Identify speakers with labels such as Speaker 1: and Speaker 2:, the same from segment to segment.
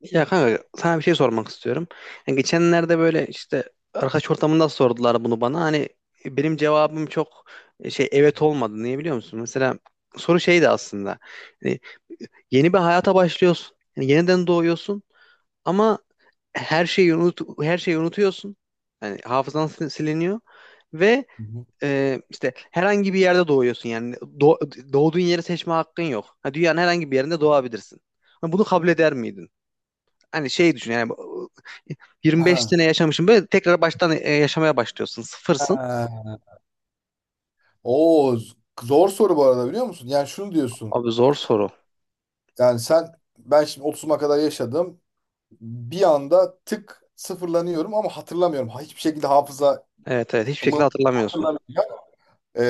Speaker 1: Ya kanka sana bir şey sormak istiyorum. Yani geçenlerde böyle işte arkadaş ortamında sordular bunu bana. Hani benim cevabım çok şey evet olmadı. Niye biliyor musun? Mesela soru şeydi aslında. Yani yeni bir hayata başlıyorsun. Yani yeniden doğuyorsun ama her şeyi unutuyorsun. Yani hafızan siliniyor ve
Speaker 2: Hı.
Speaker 1: işte herhangi bir yerde doğuyorsun. Yani doğduğun yeri seçme hakkın yok. Ha, dünyanın herhangi bir yerinde doğabilirsin. Ha, bunu kabul eder miydin? Hani şey düşün yani 25 sene
Speaker 2: Ha.
Speaker 1: yaşamışım böyle tekrar baştan yaşamaya başlıyorsun. Sıfırsın.
Speaker 2: Ha. Oo, zor soru bu arada biliyor musun? Yani şunu diyorsun.
Speaker 1: Abi zor soru.
Speaker 2: Yani ben şimdi 30'uma kadar yaşadım. Bir anda tık sıfırlanıyorum ama hatırlamıyorum. Ha, hiçbir şekilde hafızamın
Speaker 1: Evet evet, hiçbir şekilde hatırlamıyorsun.
Speaker 2: hatırlamayacak. Ee,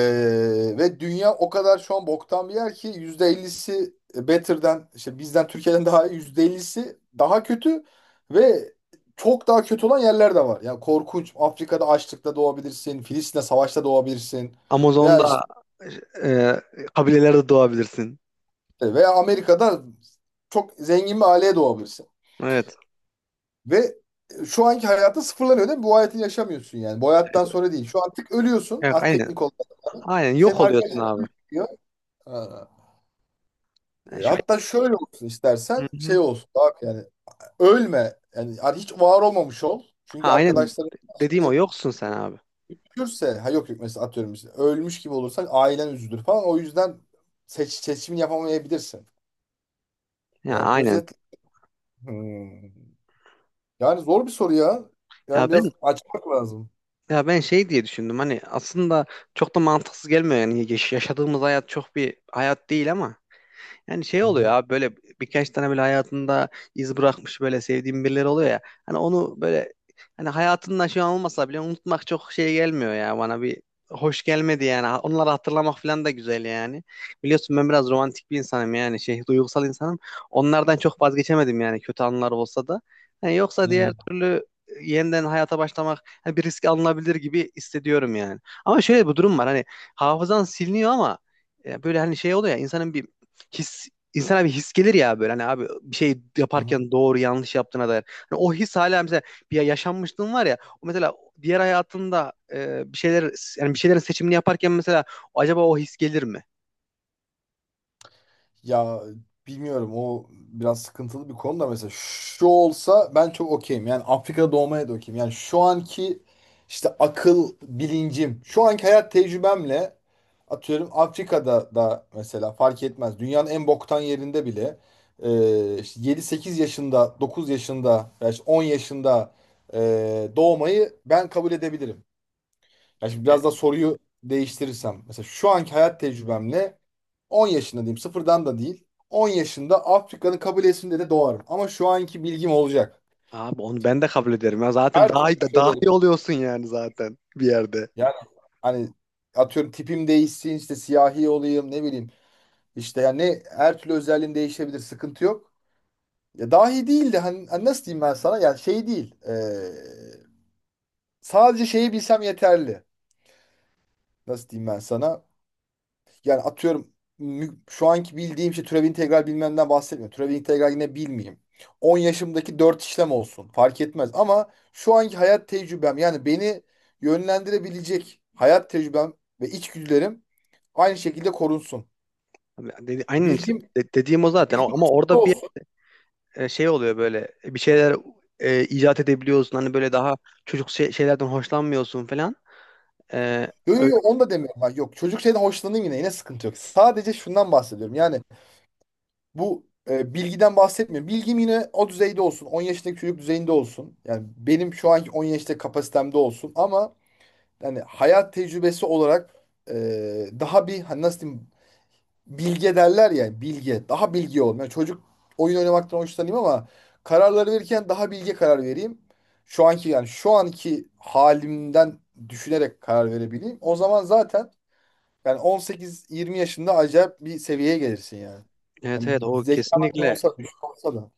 Speaker 2: ve dünya o kadar şu an boktan bir yer ki %50'si better'den işte bizden Türkiye'den daha iyi, %50'si daha kötü ve çok daha kötü olan yerler de var. Yani korkunç. Afrika'da açlıkta doğabilirsin. Filistin'de savaşta doğabilirsin. Veya.
Speaker 1: Amazon'da, e, kabilelerde doğabilirsin.
Speaker 2: Ve Amerika'da çok zengin bir aileye doğabilirsin.
Speaker 1: Evet.
Speaker 2: Ve şu anki hayatın sıfırlanıyor değil mi? Bu hayatı yaşamıyorsun yani. Bu hayattan
Speaker 1: Evet.
Speaker 2: sonra değil. Şu artık ölüyorsun.
Speaker 1: Evet,
Speaker 2: Az
Speaker 1: aynen.
Speaker 2: teknik olarak. Yani.
Speaker 1: Aynen yok
Speaker 2: Senin
Speaker 1: oluyorsun
Speaker 2: arkadaşlar
Speaker 1: abi.
Speaker 2: ölüyor. Ha.
Speaker 1: Yani şöyle,
Speaker 2: Hatta şöyle olsun
Speaker 1: hı
Speaker 2: istersen, şey
Speaker 1: hı.
Speaker 2: olsun. Daha yani ölme. Yani hiç var olmamış ol.
Speaker 1: Ha,
Speaker 2: Çünkü
Speaker 1: aynen
Speaker 2: arkadaşların
Speaker 1: dediğim o,
Speaker 2: şimdi
Speaker 1: yoksun sen abi.
Speaker 2: üzülürse ha yok yok, mesela atıyorum işte, ölmüş gibi olursan ailen üzülür falan. O yüzden seçimini yapamayabilirsin.
Speaker 1: Ya
Speaker 2: Yani
Speaker 1: aynen.
Speaker 2: özetle. Hmm. Yani zor bir soru ya. Yani
Speaker 1: Ya ben
Speaker 2: biraz açmak lazım.
Speaker 1: ya ben şey diye düşündüm. Hani aslında çok da mantıksız gelmiyor yani yaşadığımız hayat çok bir hayat değil ama yani şey
Speaker 2: Hı
Speaker 1: oluyor
Speaker 2: hı.
Speaker 1: abi, böyle birkaç tane böyle hayatında iz bırakmış, böyle sevdiğim birileri oluyor ya. Hani onu böyle, hani hayatında şu an olmasa bile unutmak çok şey gelmiyor ya bana, bir hoş gelmedi yani. Onları hatırlamak falan da güzel yani. Biliyorsun ben biraz romantik bir insanım, yani şey, duygusal insanım. Onlardan çok vazgeçemedim yani, kötü anılar olsa da. Hani yoksa diğer
Speaker 2: Hı
Speaker 1: türlü yeniden hayata başlamak hani bir risk alınabilir gibi hissediyorum yani. Ama şöyle bir durum var, hani hafızan siliniyor ama ya böyle hani şey oluyor ya, insanın bir his, insana bir his gelir ya, böyle hani abi, bir şey
Speaker 2: hı.
Speaker 1: yaparken doğru yanlış yaptığına dair. Hani o his hala mesela, bir yaşanmışlığın var ya, o mesela diğer hayatında bir şeyler, yani bir şeylerin seçimini yaparken mesela acaba o his gelir mi?
Speaker 2: Ya bilmiyorum, o biraz sıkıntılı bir konu da mesela şu olsa ben çok okeyim. Yani Afrika'da doğmaya da okeyim. Yani şu anki işte akıl bilincim, şu anki hayat tecrübemle atıyorum Afrika'da da mesela fark etmez. Dünyanın en boktan yerinde bile işte 7-8 yaşında, 9 yaşında veya işte 10 yaşında doğmayı ben kabul edebilirim. Ya şimdi
Speaker 1: E,
Speaker 2: biraz daha soruyu değiştirirsem. Mesela şu anki hayat tecrübemle 10 yaşında diyeyim. Sıfırdan da değil. 10 yaşında Afrika'nın kabilesinde de doğarım. Ama şu anki bilgim olacak.
Speaker 1: Abi onu ben de kabul ederim ya, zaten
Speaker 2: Her türlü
Speaker 1: daha da daha
Speaker 2: kabilelerim.
Speaker 1: iyi oluyorsun yani zaten bir yerde.
Speaker 2: Yani hani atıyorum tipim değişsin, işte siyahi olayım, ne bileyim. İşte yani her türlü özelliğim değişebilir. Sıkıntı yok. Ya dahi değil de hani, hani nasıl diyeyim ben sana? Yani şey değil. Sadece şeyi bilsem yeterli. Nasıl diyeyim ben sana? Yani atıyorum şu anki bildiğim şey, türev integral bilmemden bahsetmiyorum. Türev integral yine bilmeyeyim. 10 yaşımdaki 4 işlem olsun. Fark etmez. Ama şu anki hayat tecrübem, yani beni yönlendirebilecek hayat tecrübem ve içgüdülerim aynı şekilde korunsun.
Speaker 1: Abi aynen işte,
Speaker 2: Bilgim,
Speaker 1: dediğim o zaten.
Speaker 2: bilgim
Speaker 1: Ama
Speaker 2: kısıtlı
Speaker 1: orada bir
Speaker 2: olsun.
Speaker 1: şey oluyor, böyle bir şeyler icat edebiliyorsun, hani böyle daha çocuk şeylerden hoşlanmıyorsun falan. E,
Speaker 2: Yok yok yok, onu da demiyorum. Ben. Yok çocuk şeyden hoşlanayım yine. Yine sıkıntı yok. Sadece şundan bahsediyorum. Yani bu bilgiden bahsetmiyorum. Bilgim yine o düzeyde olsun. 10 yaşındaki çocuk düzeyinde olsun. Yani benim şu anki 10 yaşta kapasitemde olsun. Ama yani hayat tecrübesi olarak e, daha bir hani nasıl diyeyim, bilge derler ya, bilge. Daha bilgi olayım. Yani çocuk oyun oynamaktan hoşlanayım ama kararları verirken daha bilge karar vereyim. Şu anki, yani şu anki halimden düşünerek karar verebileyim. O zaman zaten yani 18-20 yaşında acayip bir seviyeye gelirsin yani.
Speaker 1: Evet evet,
Speaker 2: Yani
Speaker 1: o
Speaker 2: zekaman ne
Speaker 1: kesinlikle
Speaker 2: olsa, düşük olsa da.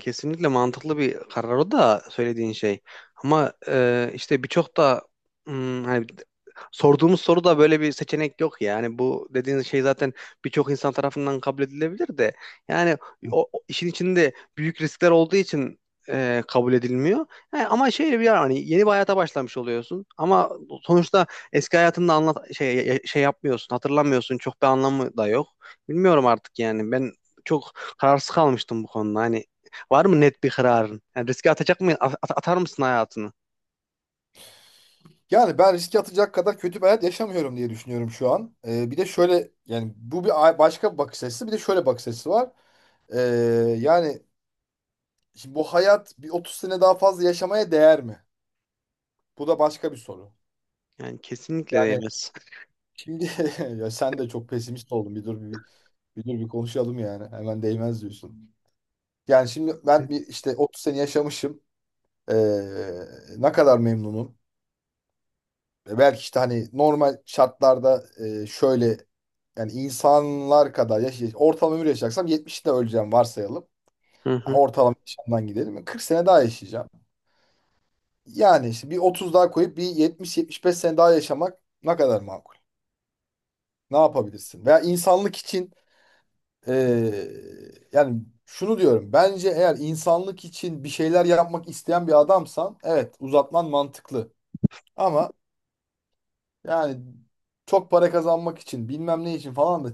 Speaker 1: kesinlikle mantıklı bir karar o da söylediğin şey. Ama işte birçok da hani sorduğumuz soruda böyle bir seçenek yok ya. Yani bu dediğin şey zaten birçok insan tarafından kabul edilebilir de yani o işin içinde büyük riskler olduğu için kabul edilmiyor. Yani ama şöyle bir yer, hani yeni bir hayata başlamış oluyorsun ama sonuçta eski hayatında anlat, şey yapmıyorsun, hatırlamıyorsun. Çok bir anlamı da yok. Bilmiyorum artık yani. Ben çok kararsız kalmıştım bu konuda. Hani var mı net bir kararın? Yani riske atacak mı? Atar mısın hayatını?
Speaker 2: Yani ben riske atacak kadar kötü bir hayat yaşamıyorum diye düşünüyorum şu an. Bir de şöyle, yani bu bir başka bir bakış açısı, bir de şöyle bakış açısı var. Ee, yani şimdi bu hayat bir 30 sene daha fazla yaşamaya değer mi? Bu da başka bir soru.
Speaker 1: Yani kesinlikle
Speaker 2: Yani
Speaker 1: değmez.
Speaker 2: şimdi ya sen de çok pesimist oldun. Bir dur bir konuşalım yani. Hemen değmez diyorsun. Yani şimdi ben bir işte 30 sene yaşamışım. Ee, ne kadar memnunum. Belki işte hani normal şartlarda şöyle yani insanlar kadar ortalama ömür yaşayacaksam 70'te öleceğim varsayalım.
Speaker 1: Hı
Speaker 2: Yani
Speaker 1: hı.
Speaker 2: ortalama yaşamdan gidelim. Yani 40 sene daha yaşayacağım. Yani işte bir 30 daha koyup bir 70-75 sene daha yaşamak ne kadar makul? Ne yapabilirsin? Veya insanlık için e, yani şunu diyorum. Bence eğer insanlık için bir şeyler yapmak isteyen bir adamsan, evet, uzatman mantıklı. Ama yani çok para kazanmak için, bilmem ne için falan da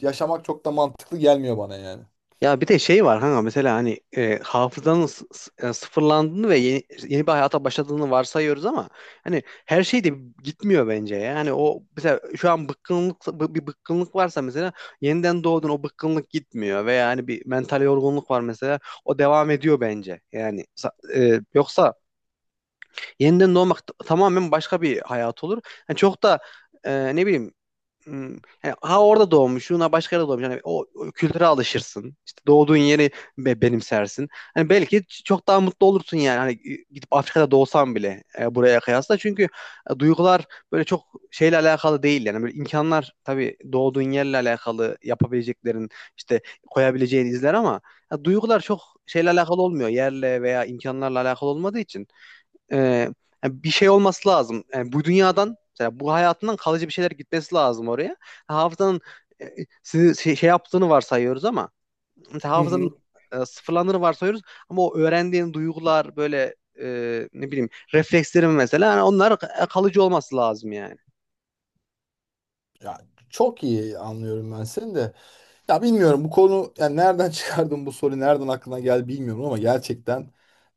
Speaker 2: yaşamak çok da mantıklı gelmiyor bana yani.
Speaker 1: Ya bir de şey var kanka, mesela hani hafızanın sıfırlandığını ve yeni bir hayata başladığını varsayıyoruz ama hani her şey de gitmiyor bence ya. Yani o mesela şu an bir bıkkınlık varsa mesela, yeniden doğdun, o bıkkınlık gitmiyor veya hani bir mental yorgunluk var mesela, o devam ediyor bence. Yani yoksa yeniden doğmak tamamen başka bir hayat olur. Yani çok da ne bileyim, m, yani ha orada doğmuş, ha başka yerde doğmuş. Yani o kültüre alışırsın. İşte doğduğun yeri benimsersin. Hani belki çok daha mutlu olursun yani. Hani gidip Afrika'da doğsan bile buraya kıyasla. Çünkü duygular böyle çok şeyle alakalı değil yani. Böyle imkanlar tabii doğduğun yerle alakalı, yapabileceklerin, işte koyabileceğin izler ama ya duygular çok şeyle alakalı olmuyor. Yerle veya imkanlarla alakalı olmadığı için e, yani bir şey olması lazım. Yani bu dünyadan, mesela bu hayatından kalıcı bir şeyler gitmesi lazım oraya. Hafızanın e, sizi şey yaptığını varsayıyoruz ama mesela
Speaker 2: Hı
Speaker 1: hafızanın
Speaker 2: hı.
Speaker 1: sıfırlandığını varsayıyoruz ama o öğrendiğin duygular böyle ne bileyim, reflekslerim mesela, yani onlar kalıcı olması lazım yani.
Speaker 2: Ya çok iyi anlıyorum ben seni de. Ya bilmiyorum bu konu, yani nereden çıkardın, bu soru nereden aklına geldi bilmiyorum ama gerçekten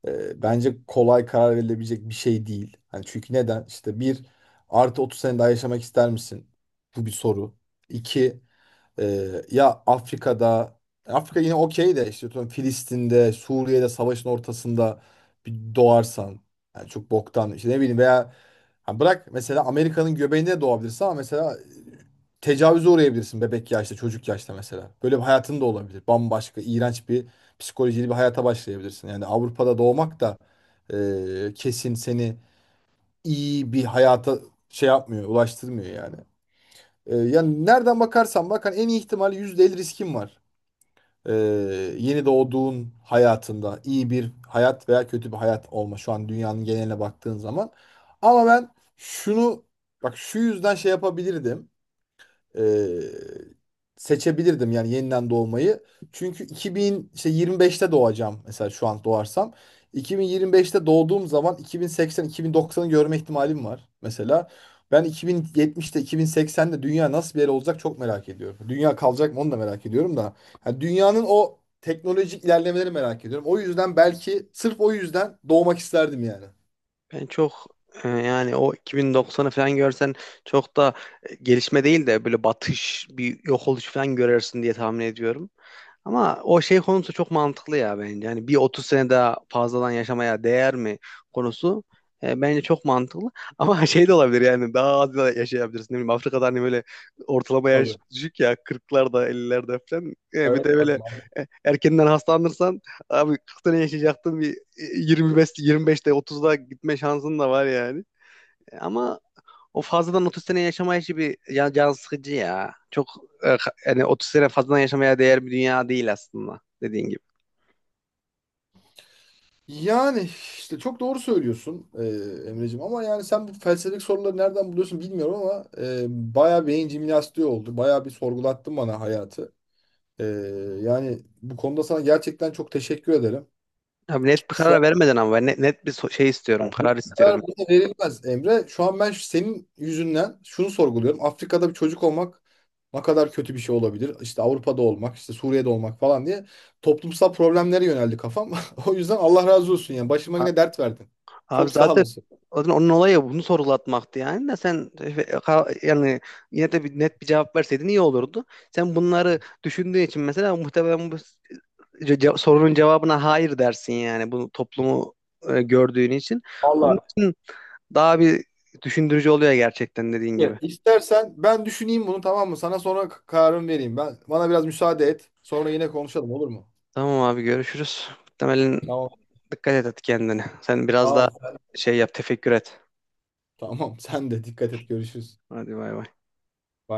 Speaker 2: bence kolay karar verilebilecek bir şey değil. Hani çünkü neden? İşte bir, artı 30 sene daha yaşamak ister misin? Bu bir soru. İki. Ya Afrika'da, Afrika yine okey de işte atıyorum Filistin'de, Suriye'de savaşın ortasında bir doğarsan yani çok boktan, işte ne bileyim, veya ha bırak, mesela Amerika'nın göbeğinde doğabilirsin ama mesela tecavüze uğrayabilirsin bebek yaşta, çocuk yaşta mesela. Böyle bir hayatın da olabilir. Bambaşka, iğrenç bir psikolojili bir hayata başlayabilirsin. Yani Avrupa'da doğmak da kesin seni iyi bir hayata şey yapmıyor, ulaştırmıyor yani. Yani nereden bakarsan bak hani en iyi ihtimal %50 riskin var. Ee, yeni doğduğun hayatında iyi bir hayat veya kötü bir hayat olma, şu an dünyanın geneline baktığın zaman. Ama ben şunu, bak şu yüzden şey yapabilirdim, e, seçebilirdim yani yeniden doğmayı. Çünkü 2000 işte 25'te doğacağım mesela şu an doğarsam. 2025'te doğduğum zaman 2080-2090'ı görme ihtimalim var mesela. Ben 2070'te, 2080'de dünya nasıl bir yer olacak çok merak ediyorum. Dünya kalacak mı onu da merak ediyorum da. Yani dünyanın o teknolojik ilerlemeleri merak ediyorum. O yüzden belki sırf o yüzden doğmak isterdim yani.
Speaker 1: Ben çok yani o 2090'ı falan görsen çok da gelişme değil de böyle batış, bir yok oluş falan görürsün diye tahmin ediyorum. Ama o şey konusu çok mantıklı ya bence. Yani bir 30 sene daha fazladan yaşamaya değer mi konusu, bence çok mantıklı. Ama şey de olabilir yani, daha az da yaşayabilirsin. Ne bileyim, Afrika'da hani böyle ortalama
Speaker 2: Tabii.
Speaker 1: yaş düşük ya, 40'larda, 50'lerde falan. E, bir
Speaker 2: Evet
Speaker 1: de
Speaker 2: bak,
Speaker 1: böyle erkenden hastalanırsan abi, 40 sene yaşayacaktın, bir 25'te, 30'da gitme şansın da var yani. Ama o fazladan 30 sene yaşama işi bir can sıkıcı ya. Çok yani 30 sene fazladan yaşamaya değer bir dünya değil aslında, dediğin gibi.
Speaker 2: yani işte çok doğru söylüyorsun Emreciğim ama yani sen bu felsefik soruları nereden buluyorsun bilmiyorum ama bayağı beyin jimnastiği oldu. Bayağı bir sorgulattın bana hayatı. E, yani bu konuda sana gerçekten çok teşekkür ederim.
Speaker 1: Abi net bir
Speaker 2: Şu
Speaker 1: karar
Speaker 2: an
Speaker 1: vermeden ama, ben net, net bir şey istiyorum, karar istiyorum.
Speaker 2: kadar buna verilmez Emre. Şu an ben senin yüzünden şunu sorguluyorum. Afrika'da bir çocuk olmak ne kadar kötü bir şey olabilir? İşte Avrupa'da olmak, işte Suriye'de olmak falan diye toplumsal problemlere yöneldi kafam. O yüzden Allah razı olsun, yani başıma
Speaker 1: A-
Speaker 2: yine dert verdin.
Speaker 1: Abi
Speaker 2: Çok sağ
Speaker 1: zaten
Speaker 2: olasın.
Speaker 1: zaten onun olayı bunu sorgulatmaktı yani de sen yani yine de bir net bir cevap verseydin iyi olurdu. Sen bunları düşündüğün için mesela muhtemelen bu sorunun cevabına hayır dersin yani, bunu toplumu gördüğün için. Onun
Speaker 2: Vallahi.
Speaker 1: için daha bir düşündürücü oluyor gerçekten, dediğin gibi.
Speaker 2: Ya, İstersen ben düşüneyim bunu, tamam mı? Sana sonra kararımı vereyim. Ben bana biraz müsaade et. Sonra yine konuşalım olur mu?
Speaker 1: Tamam abi, görüşürüz. Muhtemelen
Speaker 2: Tamam.
Speaker 1: dikkat et, hadi kendine. Sen biraz da
Speaker 2: Tamam.
Speaker 1: şey yap, tefekkür et.
Speaker 2: Tamam. Sen de dikkat et. Görüşürüz.
Speaker 1: Hadi bay bay.
Speaker 2: Bye.